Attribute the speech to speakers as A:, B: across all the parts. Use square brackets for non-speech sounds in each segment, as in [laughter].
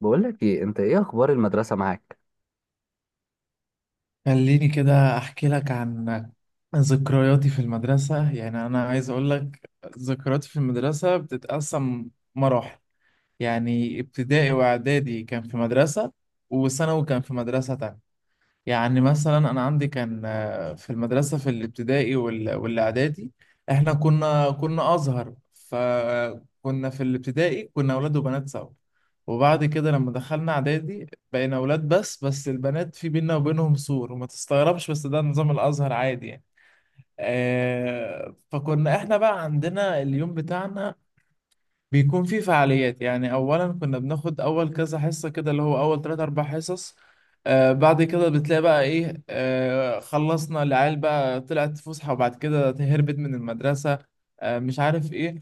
A: بقول لك ايه؟ انت ايه اخبار المدرسه معاك؟
B: خليني كده احكي لك عن ذكرياتي في المدرسة. يعني انا عايز اقول لك ذكرياتي في المدرسة بتتقسم مراحل. يعني ابتدائي واعدادي كان في مدرسة، وثانوي كان في مدرسة تانية. يعني مثلا انا عندي كان في المدرسه في الابتدائي والاعدادي احنا كنا ازهر، فكنا في الابتدائي كنا اولاد وبنات سوا. وبعد كده لما دخلنا اعدادي بقينا اولاد بس، بس البنات في بينا وبينهم سور. وما تستغربش، بس ده نظام الازهر عادي يعني. فكنا احنا بقى عندنا اليوم بتاعنا بيكون في فعاليات. يعني اولا كنا بناخد اول كذا حصه كده، اللي هو اول ثلاث اربع حصص. بعد كده بتلاقي بقى ايه، خلصنا العيال بقى، طلعت فسحه وبعد كده هربت من المدرسه، مش عارف ايه.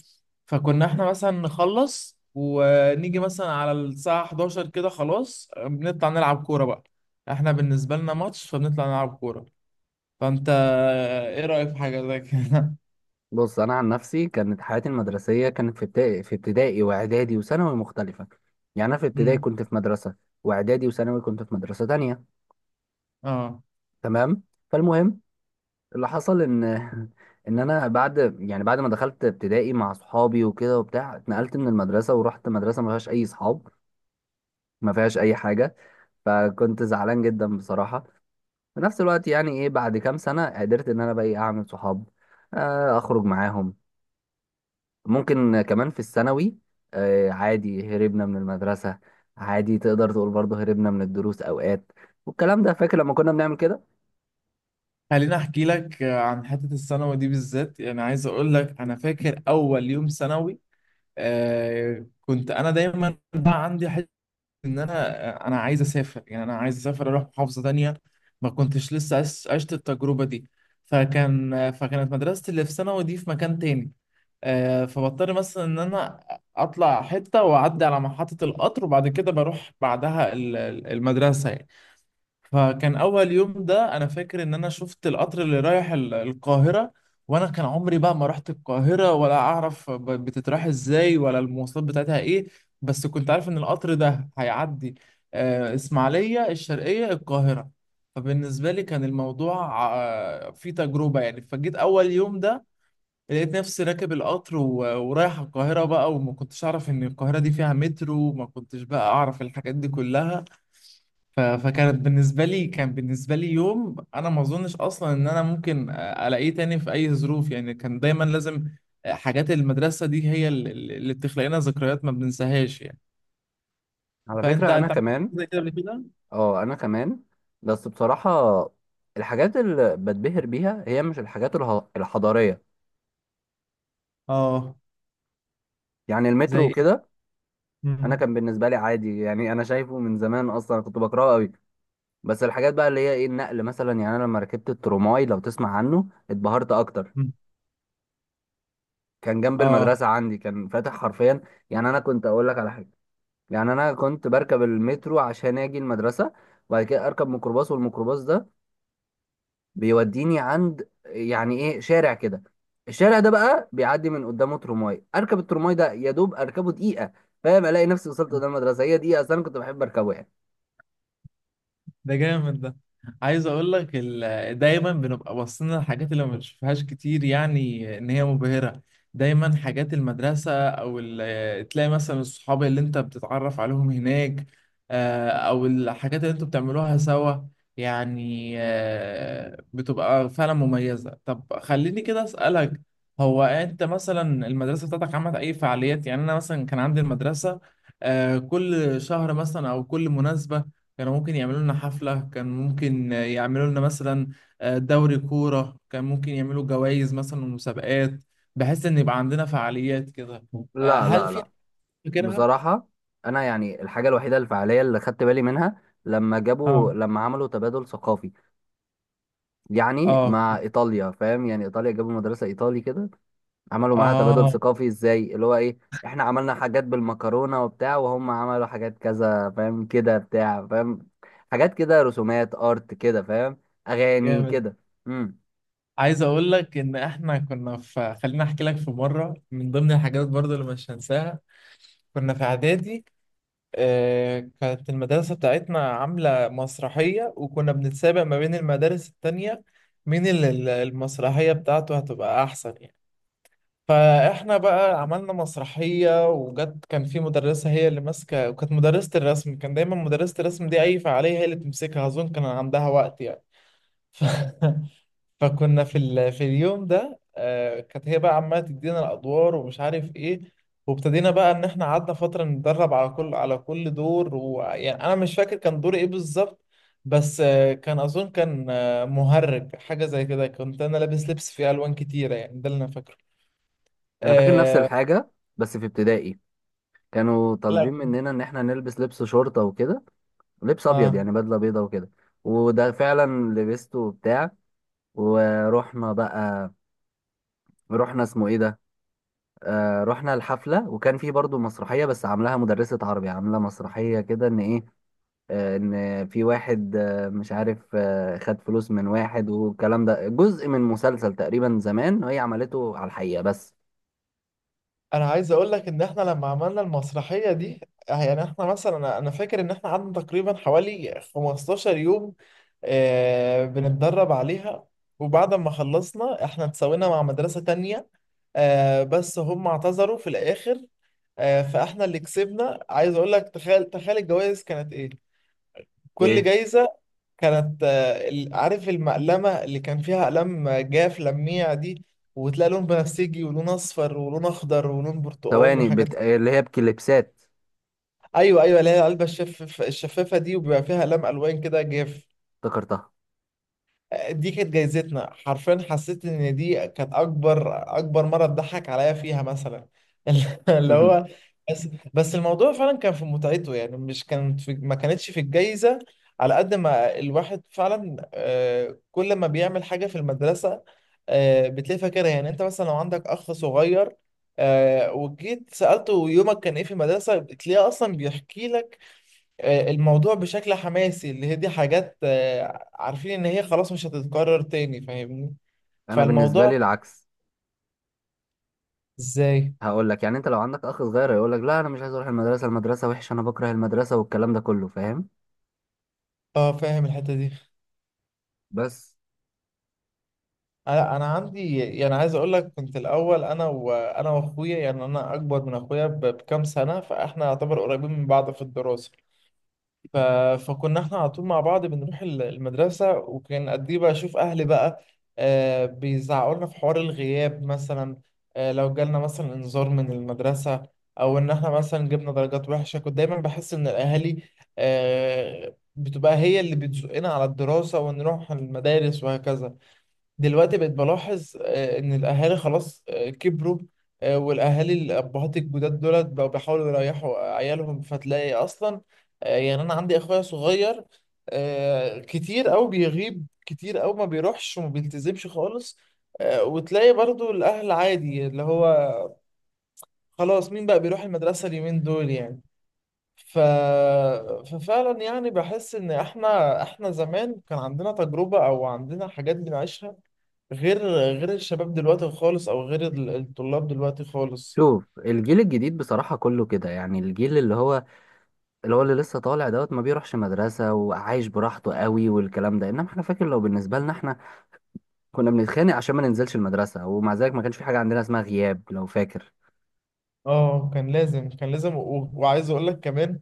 B: فكنا احنا مثلا نخلص ونيجي مثلا على الساعه 11 كده خلاص. بنطلع نلعب كوره بقى. احنا بالنسبه لنا ماتش، فبنطلع نلعب كوره. فانت ايه رايك في حاجه زي كده؟
A: بص، انا عن نفسي كانت حياتي المدرسيه، كانت في ابتدائي، في ابتدائي واعدادي وثانوي مختلفه. يعني انا في ابتدائي
B: [laughs] امم
A: كنت في مدرسه، واعدادي وثانوي كنت في مدرسه تانية،
B: اه.
A: تمام. فالمهم اللي حصل ان [laughs] ان انا بعد، يعني بعد ما دخلت ابتدائي مع صحابي وكده وبتاع، اتنقلت من المدرسه ورحت مدرسه ما فيهاش اي صحاب، ما فيهاش اي حاجه. فكنت زعلان جدا بصراحه. في نفس الوقت يعني ايه، بعد كام سنه قدرت ان انا بقى إيه، اعمل صحاب، اخرج معاهم. ممكن كمان في الثانوي، عادي هربنا من المدرسة، عادي تقدر تقول برضه هربنا من الدروس أوقات والكلام ده، فاكر لما كنا بنعمل كده؟
B: خليني احكي لك عن حته الثانوي دي بالذات. يعني عايز اقول لك انا فاكر اول يوم ثانوي. كنت انا دايما بقى عندي حته ان انا، انا عايز اسافر. يعني انا عايز اسافر اروح محافظه تانية، ما كنتش لسه عشت التجربه دي. فكانت مدرستي اللي في ثانوي دي في مكان تاني. فبضطر مثلا ان انا اطلع حته واعدي على محطه القطر وبعد كده بروح بعدها المدرسه يعني. فكان اول يوم ده انا فاكر ان انا شفت القطر اللي رايح القاهره، وانا كان عمري بقى ما رحت القاهره ولا اعرف بتتراح ازاي، ولا المواصلات بتاعتها ايه. بس كنت عارف ان القطر ده هيعدي اسماعيليه الشرقيه القاهره. فبالنسبه لي كان الموضوع فيه تجربه يعني. فجيت اول يوم ده لقيت نفسي راكب القطر ورايح القاهره بقى، وما كنتش اعرف ان القاهره دي فيها مترو، وما كنتش بقى اعرف الحاجات دي كلها. فكانت بالنسبة لي، يوم أنا ما أظنش أصلا إن أنا ممكن ألاقيه تاني في أي ظروف. يعني كان دايما لازم، حاجات المدرسة دي هي اللي بتخلق لنا ذكريات ما بننساهاش يعني.
A: على
B: فأنت
A: فكرة أنا
B: عملت حاجة
A: كمان.
B: زي كده قبل كده؟
A: أه، أنا كمان. بس بصراحة الحاجات اللي بتبهر بيها هي مش الحاجات الحضارية،
B: آه
A: يعني
B: زي
A: المترو
B: إيه؟
A: وكده. أنا
B: مم.
A: كان بالنسبة لي عادي، يعني أنا شايفه من زمان، أصلا كنت بكرهه قوي. بس الحاجات بقى اللي هي إيه، النقل مثلا، يعني أنا لما ركبت التروماي، لو تسمع عنه، اتبهرت أكتر.
B: مم.
A: كان جنب
B: آه
A: المدرسة عندي، كان فاتح حرفيا. يعني أنا كنت أقول لك على حاجة، يعني أنا كنت بركب المترو عشان أجي المدرسة، وبعد كده أركب ميكروباص، والميكروباص ده بيوديني عند يعني إيه، شارع كده. الشارع ده بقى بيعدي من قدامه ترماي، أركب الترماي ده يا دوب أركبه دقيقة، فاهم؟ ألاقي نفسي وصلت قدام المدرسة، هي دقيقة، أصل أنا كنت بحب أركبه يعني.
B: ده جامد ده. عايز اقول لك دايما بنبقى باصين للحاجات اللي ما بنشوفهاش كتير، يعني ان هي مبهرة. دايما حاجات المدرسة او تلاقي مثلا الصحاب اللي انت بتتعرف عليهم هناك، او الحاجات اللي انتوا بتعملوها سوا. يعني بتبقى فعلا مميزة. طب خليني كده اسألك، هو انت مثلا المدرسة بتاعتك عملت اي فعاليات؟ يعني انا مثلا كان عندي المدرسة كل شهر مثلا او كل مناسبة كانوا ممكن يعملوا لنا حفلة، كان ممكن يعملوا لنا مثلا دوري كورة، كان ممكن يعملوا جوائز مثلا ومسابقات، بحيث ان يبقى عندنا فعاليات كده.
A: لا
B: هل
A: لا
B: في
A: لا.
B: حاجة فاكرها؟
A: بصراحة أنا، يعني الحاجة الوحيدة الفعالية اللي خدت بالي منها لما جابوا،
B: اه.
A: لما عملوا تبادل ثقافي يعني
B: اه.
A: مع ايطاليا، فاهم؟ يعني ايطاليا جابوا مدرسه ايطالي كده، عملوا معاها تبادل
B: اه
A: ثقافي، ازاي؟ اللي هو ايه، احنا عملنا حاجات بالمكرونه وبتاع، وهم عملوا حاجات كذا، فاهم كده بتاع؟ فاهم، حاجات كده، رسومات ارت كده فاهم، اغاني
B: جامد.
A: كده. امم
B: عايز اقول لك ان احنا كنا في، خليني احكي لك في مرة من ضمن الحاجات برضو اللي مش هنساها. كنا في اعدادي كانت المدرسة بتاعتنا عاملة مسرحية وكنا بنتسابق ما بين المدارس التانية مين المسرحية بتاعته هتبقى أحسن يعني. فإحنا بقى عملنا مسرحية وجت، كان في مدرسة هي اللي ماسكة، وكانت مدرسة الرسم. كان دايما مدرسة الرسم دي أي فعالية هي اللي بتمسكها، أظن كان عندها وقت يعني. ف... [laughs] فكنا في في اليوم ده كانت هي بقى عماله تدينا الادوار ومش عارف ايه. وابتدينا بقى ان احنا قعدنا فتره نتدرب على كل دور. ويعني انا مش فاكر كان دور ايه بالظبط، بس كان اظن كان مهرج حاجه زي كده. كنت انا لابس لبس فيه الوان كتيره، يعني ده اللي انا فاكره.
A: انا فاكر نفس
B: آه...
A: الحاجه، بس في ابتدائي كانوا
B: لا.
A: طالبين مننا ان احنا نلبس لبس شرطه وكده، لبس ابيض
B: اه.
A: يعني، بدله بيضه وكده. وده فعلا لبسته وبتاع ورحنا بقى، رحنا اسمه ايه ده، آه رحنا الحفلة، وكان في برضو مسرحية بس عاملاها مدرسة عربي، عاملة مسرحية كده ان ايه، آه، ان في واحد آه مش عارف آه، خد فلوس من واحد والكلام ده، جزء من مسلسل تقريبا زمان وهي عملته على الحقيقة. بس
B: انا عايز اقول لك ان احنا لما عملنا المسرحيه دي، يعني احنا مثلا أنا فاكر ان احنا قعدنا تقريبا حوالي 15 يوم بنتدرب عليها. وبعد ما خلصنا احنا اتساوينا مع مدرسه تانية، بس هم اعتذروا في الاخر. فاحنا اللي كسبنا. عايز اقول لك، تخيل، الجوائز كانت ايه، كل
A: ايه،
B: جايزة كانت عارف المقلمة اللي كان فيها أقلام جاف لميع دي، وتلاقي لون بنفسجي ولون أصفر ولون أخضر ولون برتقاني
A: ثواني
B: وحاجات.
A: آه، اللي هي بكليبسات؟
B: أيوه أيوه، اللي هي العلبة الشفافة دي، وبيبقى فيها أقلام ألوان كده جاف.
A: افتكرتها.
B: دي كانت جايزتنا. حرفيا حسيت ان دي كانت اكبر، اكبر مره اتضحك عليا فيها مثلا. [laughs] اللي
A: مهم.
B: هو، بس بس الموضوع فعلا كان في متعته يعني. مش كانت في ما كانتش في الجايزه. على قد ما الواحد فعلا كل ما بيعمل حاجه في المدرسه بتلاقي فاكرها. يعني انت مثلا لو عندك اخ صغير وجيت سالته يومك كان ايه في المدرسه، بتلاقيه اصلا بيحكي لك الموضوع بشكل حماسي. اللي هي دي حاجات عارفين ان هي خلاص مش هتتكرر تاني، فاهمني؟
A: انا بالنسبة
B: فالموضوع
A: لي العكس.
B: ازاي؟
A: هقول لك، يعني انت لو عندك اخ صغير هيقول لك لا انا مش عايز اروح المدرسة، المدرسة وحشة، انا بكره المدرسة والكلام ده كله، فاهم؟
B: اه فاهم الحتة دي.
A: بس
B: أنا عندي يعني، عايز اقول لك كنت الاول انا واخويا. يعني انا اكبر من اخويا بكام سنة، فاحنا يعتبر قريبين من بعض في الدراسة. ف... فكنا احنا على طول مع بعض بنروح المدرسة. وكان قد ايه بشوف اهلي بقى بيزعقوا لنا في حوار الغياب مثلا، لو جالنا مثلا انذار من المدرسة، او ان احنا مثلا جبنا درجات وحشة. كنت دايما بحس ان الاهالي بتبقى هي اللي بتزقنا على الدراسة ونروح المدارس وهكذا. دلوقتي بقيت بلاحظ ان الاهالي خلاص كبروا. والاهالي الابهات الجداد دولت بقوا بيحاولوا يريحوا عيالهم، فتلاقي اصلا يعني انا عندي اخويا صغير كتير او بيغيب كتير او ما بيروحش وما بيلتزمش خالص. وتلاقي برضو الاهل عادي، اللي هو خلاص مين بقى بيروح المدرسة اليومين دول يعني. ف... ففعلا يعني بحس ان احنا زمان كان عندنا تجربة او عندنا حاجات بنعيشها، غير، غير الشباب دلوقتي خالص، او غير الطلاب دلوقتي خالص.
A: شوف، الجيل الجديد بصراحة كله كده، يعني الجيل اللي هو، اللي لسه طالع دوت، ما بيروحش مدرسة وعايش براحته قوي والكلام ده. انما احنا، فاكر؟ لو بالنسبة لنا احنا كنا بنتخانق عشان ما ننزلش المدرسة، ومع ذلك ما كانش في حاجة عندنا اسمها غياب، لو فاكر.
B: اه كان لازم، كان لازم. وعايز اقول لك كمان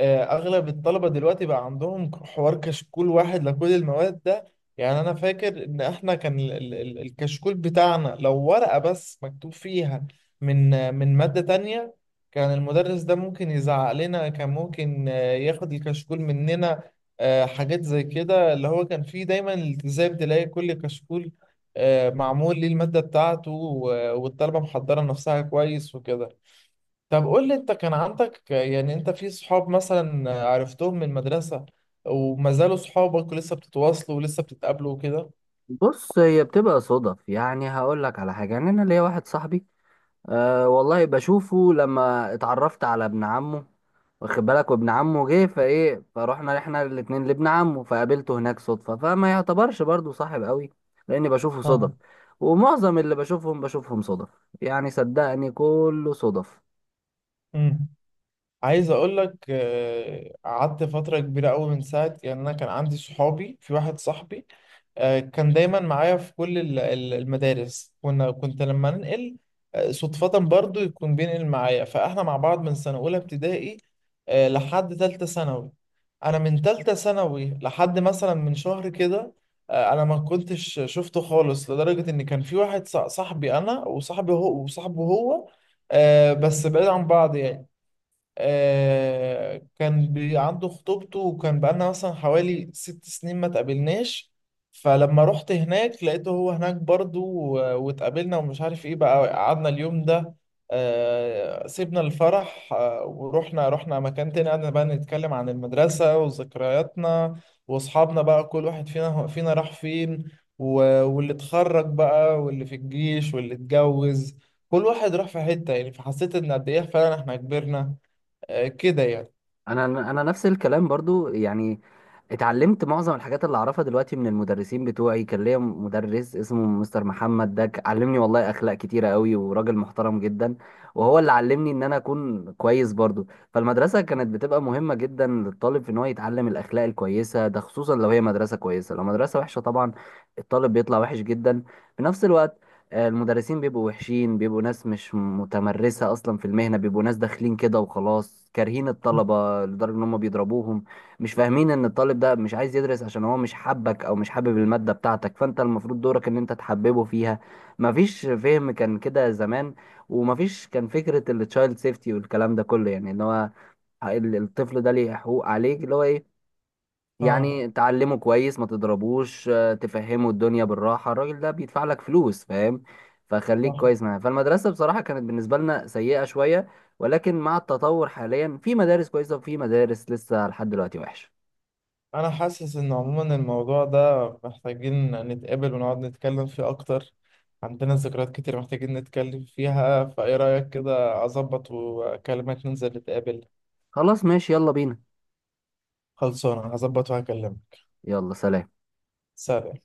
B: اغلب الطلبه دلوقتي بقى عندهم حوار كشكول واحد لكل المواد ده. يعني انا فاكر ان احنا كان الكشكول بتاعنا لو ورقه بس مكتوب فيها من من ماده تانية، كان المدرس ده ممكن يزعق لنا، كان ممكن ياخد الكشكول مننا. حاجات زي كده، اللي هو كان فيه دايما التزام. تلاقي كل كشكول معمول للماده بتاعته، والطلبه محضره نفسها كويس وكده. طب قول لي انت كان عندك يعني، انت في صحاب مثلا عرفتهم من المدرسة وما زالوا صحابك ولسه بتتواصلوا ولسه بتتقابلوا وكده؟
A: بص، هي بتبقى صدف، يعني هقول لك على حاجة، يعني انا ليا واحد صاحبي، أه والله بشوفه لما اتعرفت على ابن عمه، واخد بالك؟ وابن عمه جه، فايه، فروحنا احنا الاتنين لابن عمه فقابلته هناك صدفة، فما يعتبرش برضو صاحب قوي لاني بشوفه صدف.
B: اه.
A: ومعظم اللي بشوفهم بشوفهم صدف، يعني صدقني كله صدف.
B: امم. عايز اقول لك قعدت فترة كبيرة قوي من ساعة. يعني انا كان عندي صحابي، في واحد صاحبي كان دايما معايا في كل المدارس. كنت لما ننقل صدفة برضو يكون بينقل معايا. فاحنا مع بعض من سنة أولى ابتدائي لحد تالتة ثانوي. أنا من تالتة ثانوي لحد مثلا من شهر كده أنا ما كنتش شفته خالص. لدرجة إن كان في واحد صاحبي، أنا وصاحبي هو وصاحبه هو بس بعيد عن بعض يعني. كان بي عنده خطوبته، وكان بقالنا مثلا حوالي 6 سنين ما تقابلناش. فلما رحت هناك لقيته هو هناك برضو، واتقابلنا ومش عارف ايه بقى. قعدنا اليوم ده سيبنا الفرح ورحنا، مكان تاني. قعدنا بقى نتكلم عن المدرسة وذكرياتنا واصحابنا بقى، كل واحد فينا راح فين. واللي اتخرج بقى واللي في الجيش واللي اتجوز، كل واحد راح في حتة يعني. فحسيت ان قد ايه فعلا احنا كبرنا كده يعني.
A: انا انا نفس الكلام برضو يعني، اتعلمت معظم الحاجات اللي اعرفها دلوقتي من المدرسين بتوعي. كان ليا مدرس اسمه مستر محمد، ده علمني والله اخلاق كتيره قوي، وراجل محترم جدا، وهو اللي علمني ان انا اكون كويس برضو. فالمدرسه كانت بتبقى مهمه جدا للطالب في ان هو يتعلم الاخلاق الكويسه، ده خصوصا لو هي مدرسه كويسه. لو مدرسه وحشه طبعا الطالب بيطلع وحش جدا. في نفس الوقت، المدرسين بيبقوا وحشين، بيبقوا ناس مش متمرسة أصلا في المهنة، بيبقوا ناس داخلين كده وخلاص كارهين الطلبة لدرجة إن هم بيضربوهم. مش فاهمين إن الطالب ده مش عايز يدرس عشان هو مش حبك، أو مش حابب المادة بتاعتك، فأنت المفروض دورك إن أنت تحببه فيها. مفيش فهم كان كده زمان، ومفيش كان فكرة التشايلد سيفتي والكلام ده كله، يعني إن هو الطفل ده ليه حقوق عليك، اللي هو إيه،
B: اه
A: يعني تعلمه كويس، ما تضربوش، تفهمه الدنيا بالراحة، الراجل ده بيدفع لك فلوس، فاهم؟ فخليك
B: صح.
A: كويس معاه. فالمدرسة بصراحة كانت بالنسبة لنا سيئة شوية، ولكن مع التطور حاليا في مدارس كويسة، وفي مدارس لسه لحد دلوقتي وحشة.
B: انا حاسس ان عموما الموضوع ده محتاجين نتقابل ونقعد نتكلم فيه اكتر. عندنا ذكريات كتير محتاجين نتكلم فيها، فايه رأيك كده اظبط واكلمك ننزل نتقابل؟
A: خلاص ماشي، يلا بينا.
B: خلصانه، هظبط وهكلمك.
A: يلا، سلام.
B: سلام.